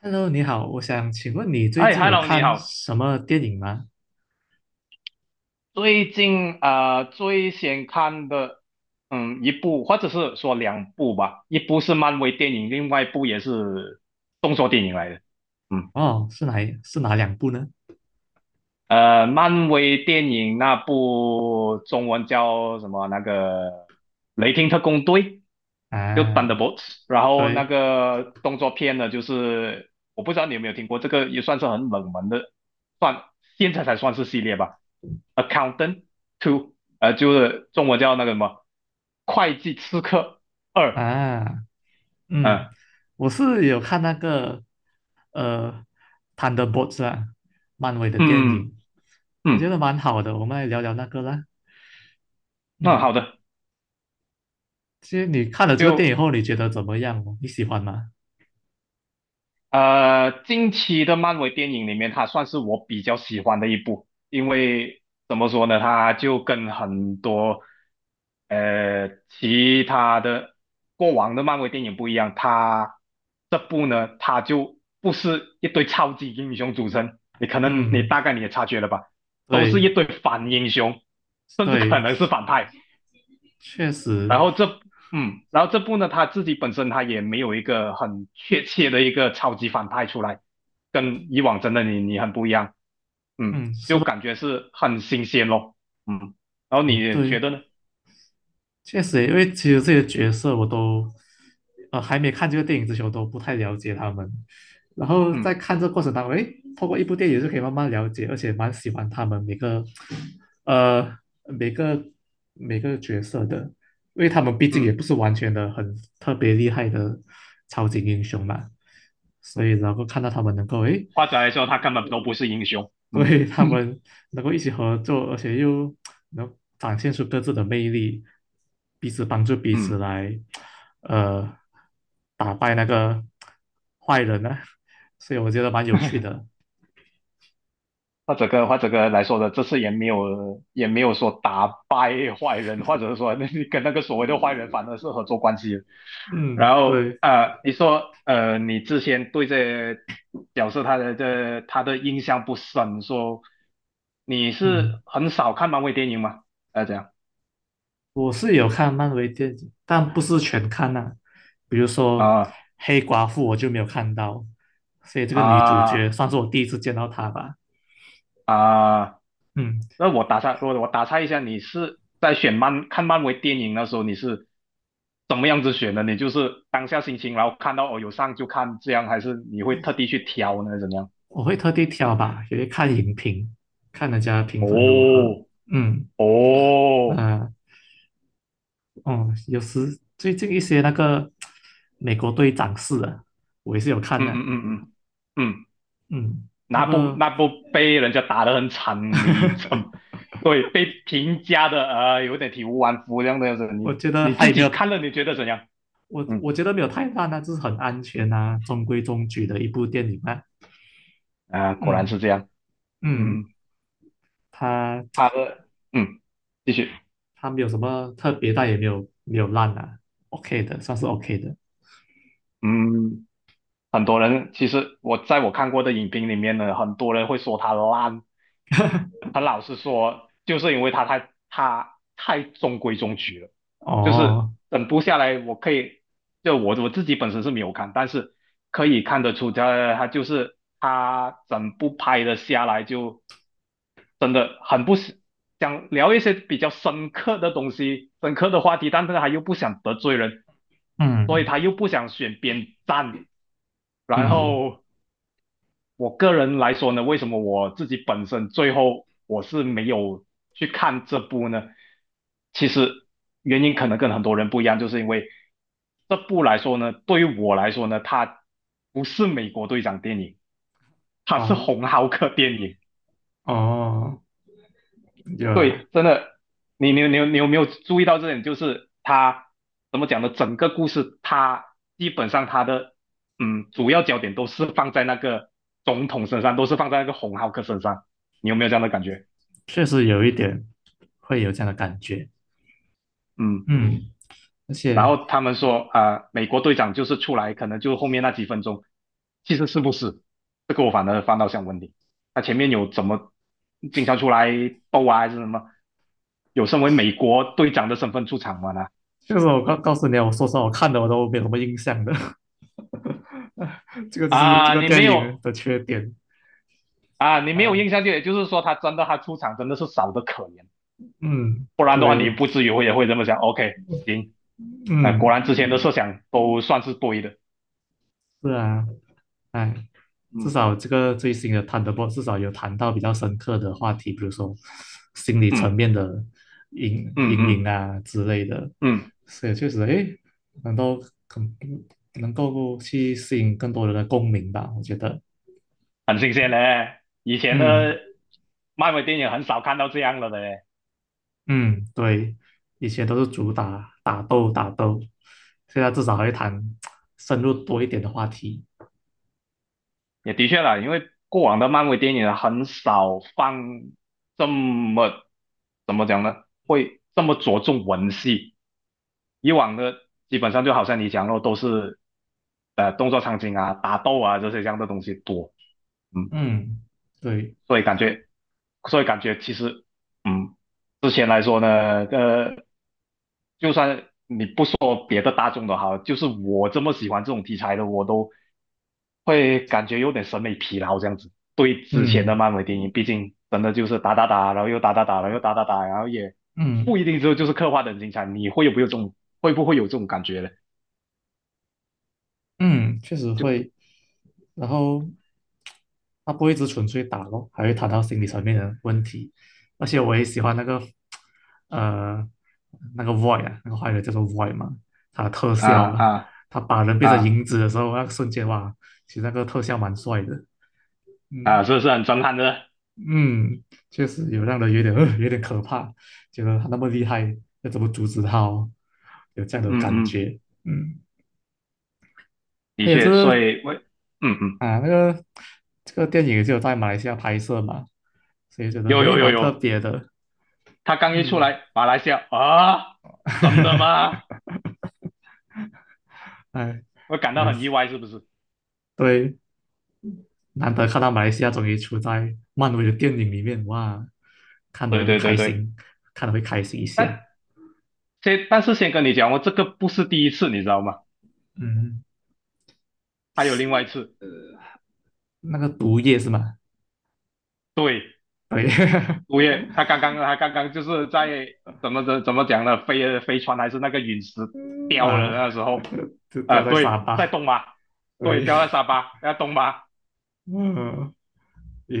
Hello，你好，我想请问你最嗨 近 h e l 有 l o 你看好。什么电影吗？最近啊，最先看的，一部或者是说两部吧，一部是漫威电影，另外一部也是动作电影来的。嗯，哦，是哪一是哪两部呢？漫威电影那部中文叫什么？那个《雷霆特工队》就 t 啊，的 bolts 然后那对个动作片呢，就是我不知道你有没有听过，这个也算是很冷门的，算现在才算是系列吧。Accountant Two，就是中文叫那个什么会计刺客二，啊，嗯，嗯我是有看那个呃《Thunderbolts》啊，漫威的电嗯影，我觉嗯，得蛮好的，我们来聊聊那个啦。那、嗯，好的，其实你看了这个电影就后，你觉得怎么样哦你喜欢吗？近期的漫威电影里面，它算是我比较喜欢的一部，因为怎么说呢，它就跟很多其他的过往的漫威电影不一样，它这部呢，它就不是一堆超级英雄组成，你可能你嗯，大概你也察觉了吧，都是对一堆反英雄，甚至可对，能是反派。确然实，后这嗯，然后这部呢，他自己本身他也没有一个很确切的一个超级反派出来，跟以往真的你很不一样，嗯，就感觉是很新鲜咯，嗯，然后也你觉对。得呢？确实，因为其实这些角色我都，呃，还没看这个电影之前，我都不太了解他们。然后在嗯看这个过程当中，诶，透过一部电影就可以慢慢了解，而且蛮喜欢他们每个，呃，每个每个角色的，因为他们毕竟也嗯，不是完全的很特别厉害的超级英雄嘛，所以然后看到他们能够，诶。或者来说他根本都 不是英雄，所嗯以他们能够一起合作，而且又能展现出各自的魅力，彼此帮助彼此嗯来，呃，打败那个坏人呢、所以我觉得蛮有趣嗯。的。或者来说的，这次也没有说打败坏人，或者是说那你跟 那个所谓的坏人反而是合作关系。嗯，然后对，你说你之前对这角色他的印象不深，说你是嗯，很少看漫威电影吗？这样我是有看漫威电影，但不是全看呐、比如说啊黑寡妇我就没有看到，所以这个女主角啊算是我第一次见到她吧。啊嗯。那我打岔，我打岔一下，你是在选漫看漫威电影的时候，你是怎么样子选的？你就是当下心情，然后看到哦有上就看这样，还是你会特地去挑呢？怎么样？我会特地挑吧，也会看影评，看人家评分如哦何。嗯，哦，哦哦哦呃，哦，有时最近一些那个 美国队长四啊，我也是有看嗯的。嗯嗯嗯嗯，嗯嗯嗯，那那不个 那不被人家打得很惨，你怎么 对被评价的有点体无完肤这样的样子？我你觉得你他自也没己有，看了你觉得怎样？我嗯觉得没有太烂啊，就是很安全啊，中规中矩的一部电影啊。啊，果然是嗯这样。嗯，嗯，他他的嗯，继续。他没有什么特别，但也没有烂啊，OK 的，算是 OK 的。嗯，很多人其实我在我看过的影评里面呢，很多人会说他烂，很老实说，就是因为他太中规中矩了。就是哦，整部下来，我可以就我自己本身是没有看，但是可以看得出他就是他整部拍的下来就真的很不想想聊一些比较深刻的东西、深刻的话题，但是他又不想得罪人，所以嗯他又不想选边站，然嗯，后。我个人来说呢，为什么我自己本身最后我是没有去看这部呢？其实原因可能跟很多人不一样，就是因为这部来说呢，对于我来说呢，它不是美国队长电影，它是哦。红浩克电影。哦，有啦，对，真的，你有没有注意到这点？就是他怎么讲的，整个故事他基本上他的主要焦点都是放在那个总统身上，都是放在那个红浩克身上。你有没有这样的感觉？确实有一点会有这样的感觉。嗯，嗯，而然且后他们说啊、美国队长就是出来，可能就后面那几分钟，其实是不是？这个我反而反倒想问你，他前面有怎么经常出来斗啊，还是什么？有身为美国队长的身份出场吗？呢？就是我告诉你啊，我说实话，我看的我都没有什么印象的。这个就是这啊，个你电没影有，的缺点啊，你没有啊。印象就也就是说他真的他出场真的是少得可怜，嗯，不然的话你对，不至于会也会这么想。OK，行，啊、果嗯，然之前的设想都算是对的，是啊。哎，至嗯少这个最新的 t h u 至少有谈到比较深刻的话题，比如说心理层嗯面的阴嗯阴影嗯啊之类的，嗯，嗯所以确实，哎，能够能能够去吸引更多人的共鸣吧，我觉得，很新鲜嘞，以前嗯的漫威电影很少看到这样了的嘞，嗯，对，以前都是主打打斗打斗，现在至少还会谈 深入多一点的话题，也的确啦，因为过往的漫威电影很少放这么怎么讲呢，会这么着重文戏。以往的基本上就好像你讲的都是动作场景啊、打斗啊这些这样的东西多，嗯，嗯，对，所以感觉，所以感觉其实，嗯，之前来说呢，就算你不说别的大众的哈，就是我这么喜欢这种题材的，我都会感觉有点审美疲劳这样子。对之前的嗯漫威电影，毕竟真的就是打打打，然后又打打打，然后又打打打，然后也嗯。不一定就是刻画的很精彩。你会有没有这种，会不会有这种感觉呢？嗯，确实就是会。然后他不会只纯粹打咯，还会谈到心理层面的问题。而且我也喜欢那个呃那个 void 啊，那个坏人叫做 void 嘛，他的特啊效啊，啊他把人变成啊影子的时候，那个瞬间哇，其实那个特效蛮帅的。嗯啊，是，是很震撼的，嗯，确实有让人有点、呃有点可怕，觉得他那么厉害，要怎么阻止他哦？有这样的嗯感嗯，觉。嗯，的还有就确，所是以我嗯，啊，那个这个电影就有在马来西亚拍摄嘛，所以觉得有诶有有蛮特有，别的，他刚一出嗯，来，马来西亚啊，真的吗？哎，我感到还很意是外，是不是？对，难得看到马来西亚终于出在漫威的电影里面，哇，看对的会对对开对，心，看的会开心一下，但但是先跟你讲，我这个不是第一次，你知道吗？嗯，还有另外是一次，那个毒液是吗？对，对五月他刚刚就是在怎么讲呢？飞船还是那个陨石掉了啊，那时候，就啊、掉在对，沙在发，东马，对，对，掉在沙巴，在东马。嗯，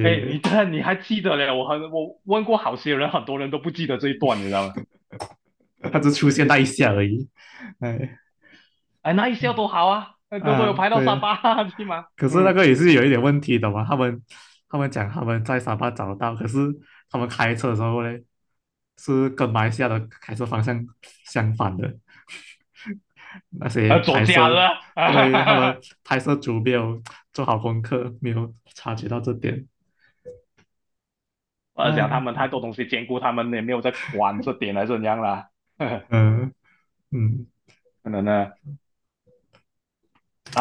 哎，你这你还记得嘞？我问过好些人，很多人都不记得这一段，你知道吗？它只出现那一下而已，哎。哎，那一下多好啊，都啊，有排到对沙啊，巴去 吗？可是那嗯，个也是有一点问题的嘛。他们他们讲他们在沙巴找到，可是他们开车的时候呢，是跟马来西亚的开车方向相反的。那些左拍家摄，了，哈哈对，他哈们哈拍摄组没有做好功课，没有察觉到这点。我想他们嗯太多东西兼顾，他们也没有在管这点还是怎样啦，嗯嗯，可能呢。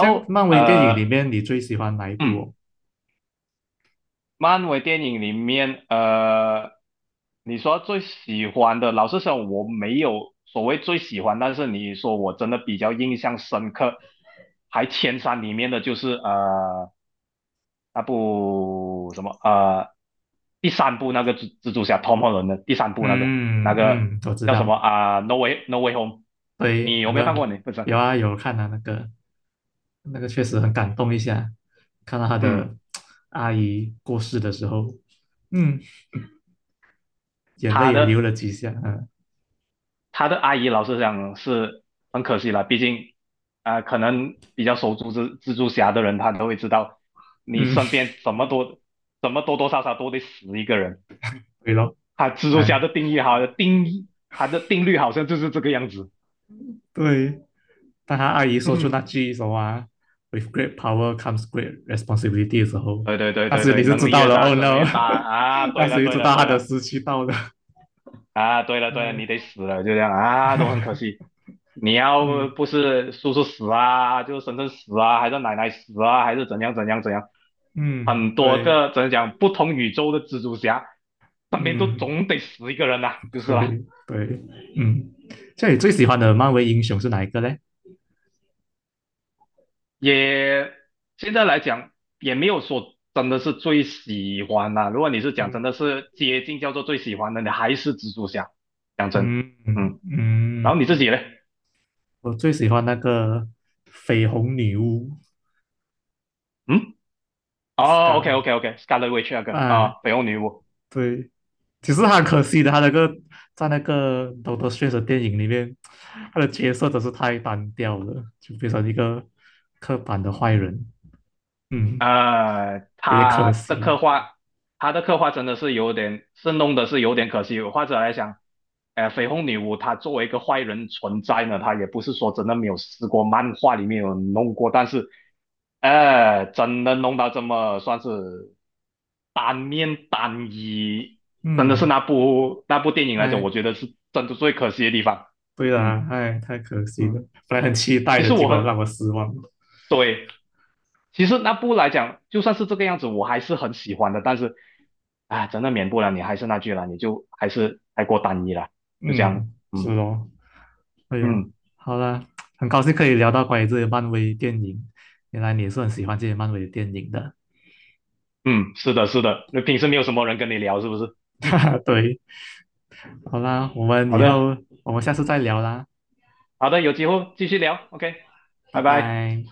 然像后漫威电影里面，你最喜欢哪一部嗯，哦漫威电影里面，你说最喜欢的，老实说，我没有所谓最喜欢，但是你说我真的比较印象深刻，还前三里面的就是那部什么第三部那个蜘蛛侠 Tom Holland 的第三部那个那嗯个嗯，我知叫什么道，啊、No Way Home，对，你那有没有看个过你？不是，有啊有看啊那个。那个确实很感动一下，看到他嗯，的 阿姨过世的时候，嗯，眼泪他也流的了几下，嗯他的阿姨老实讲是很可惜了，毕竟啊、可能比较熟知蜘蛛侠的人，他都会知道你嗯，身边怎么多怎么多多少少都得死一个人。对咯，他蜘蛛哎，侠的定义好像定义，他的定律好像就是这个样子。对，当他阿姨说出那句什么 w i t h great power comes great responsibility” 的时候，对对对那对时对，你就能知力道越了大，，Oh 责任 no，越大啊！那对了时你对知了道他对的了。时期到了，啊，对了对了，哎，你得死了，就这样啊，都很可 惜。你要嗯不是叔叔死啊，就是婶婶死啊，还是奶奶死啊，还是怎样怎样怎样，嗯，很多对，个怎样讲不同宇宙的蜘蛛侠，身边都嗯总得死一个人呐、就是了。对对，嗯，这里最喜欢的漫威英雄是哪一个嘞？也现在来讲，也没有说真的是最喜欢呐、如果你是讲嗯。真的是接近叫做最喜欢的，你还是蜘蛛侠，讲真，嗯嗯。然后嗯，你自己嘞？我最喜欢那个绯红女巫 嗯。哦 Scar ，OK，OK，OK，Scarlet Witch 那个啊，啊，绯红女巫对，其实很可惜的，他那个在那个《Doctor Strange》的电影里面，他的角色真是太单调了，就变成一个刻板的坏人，嗯，呃，有点她可的刻惜，画，她的刻画真的是有点，是弄的是有点可惜。或者来讲，绯红女巫她作为一个坏人存在呢，她也不是说真的没有试过，漫画里面有弄过，但是真的弄到这么算是单面单一，真的是嗯，那部电影来讲，我哎，觉得是真的最可惜的地方。对嗯啦，哎，太可惜了，嗯，本来很期待其的，实结我果让很我失望了，对。其实那部来讲，就算是这个样子，我还是很喜欢的。但是，啊，真的免不了你还是那句了，你就还是太过单一了，就这样。嗯，是嗯咯。哎呦，嗯好啦，很高兴可以聊到关于这些漫威电影，原来你也是很喜欢这些漫威电影的，嗯，是的，是的。那平时没有什么人跟你聊，是不是？嗯，对，好啦，我们好以的，后我们下次再聊啦，好的，有机会继续聊。OK，拜拜拜。拜。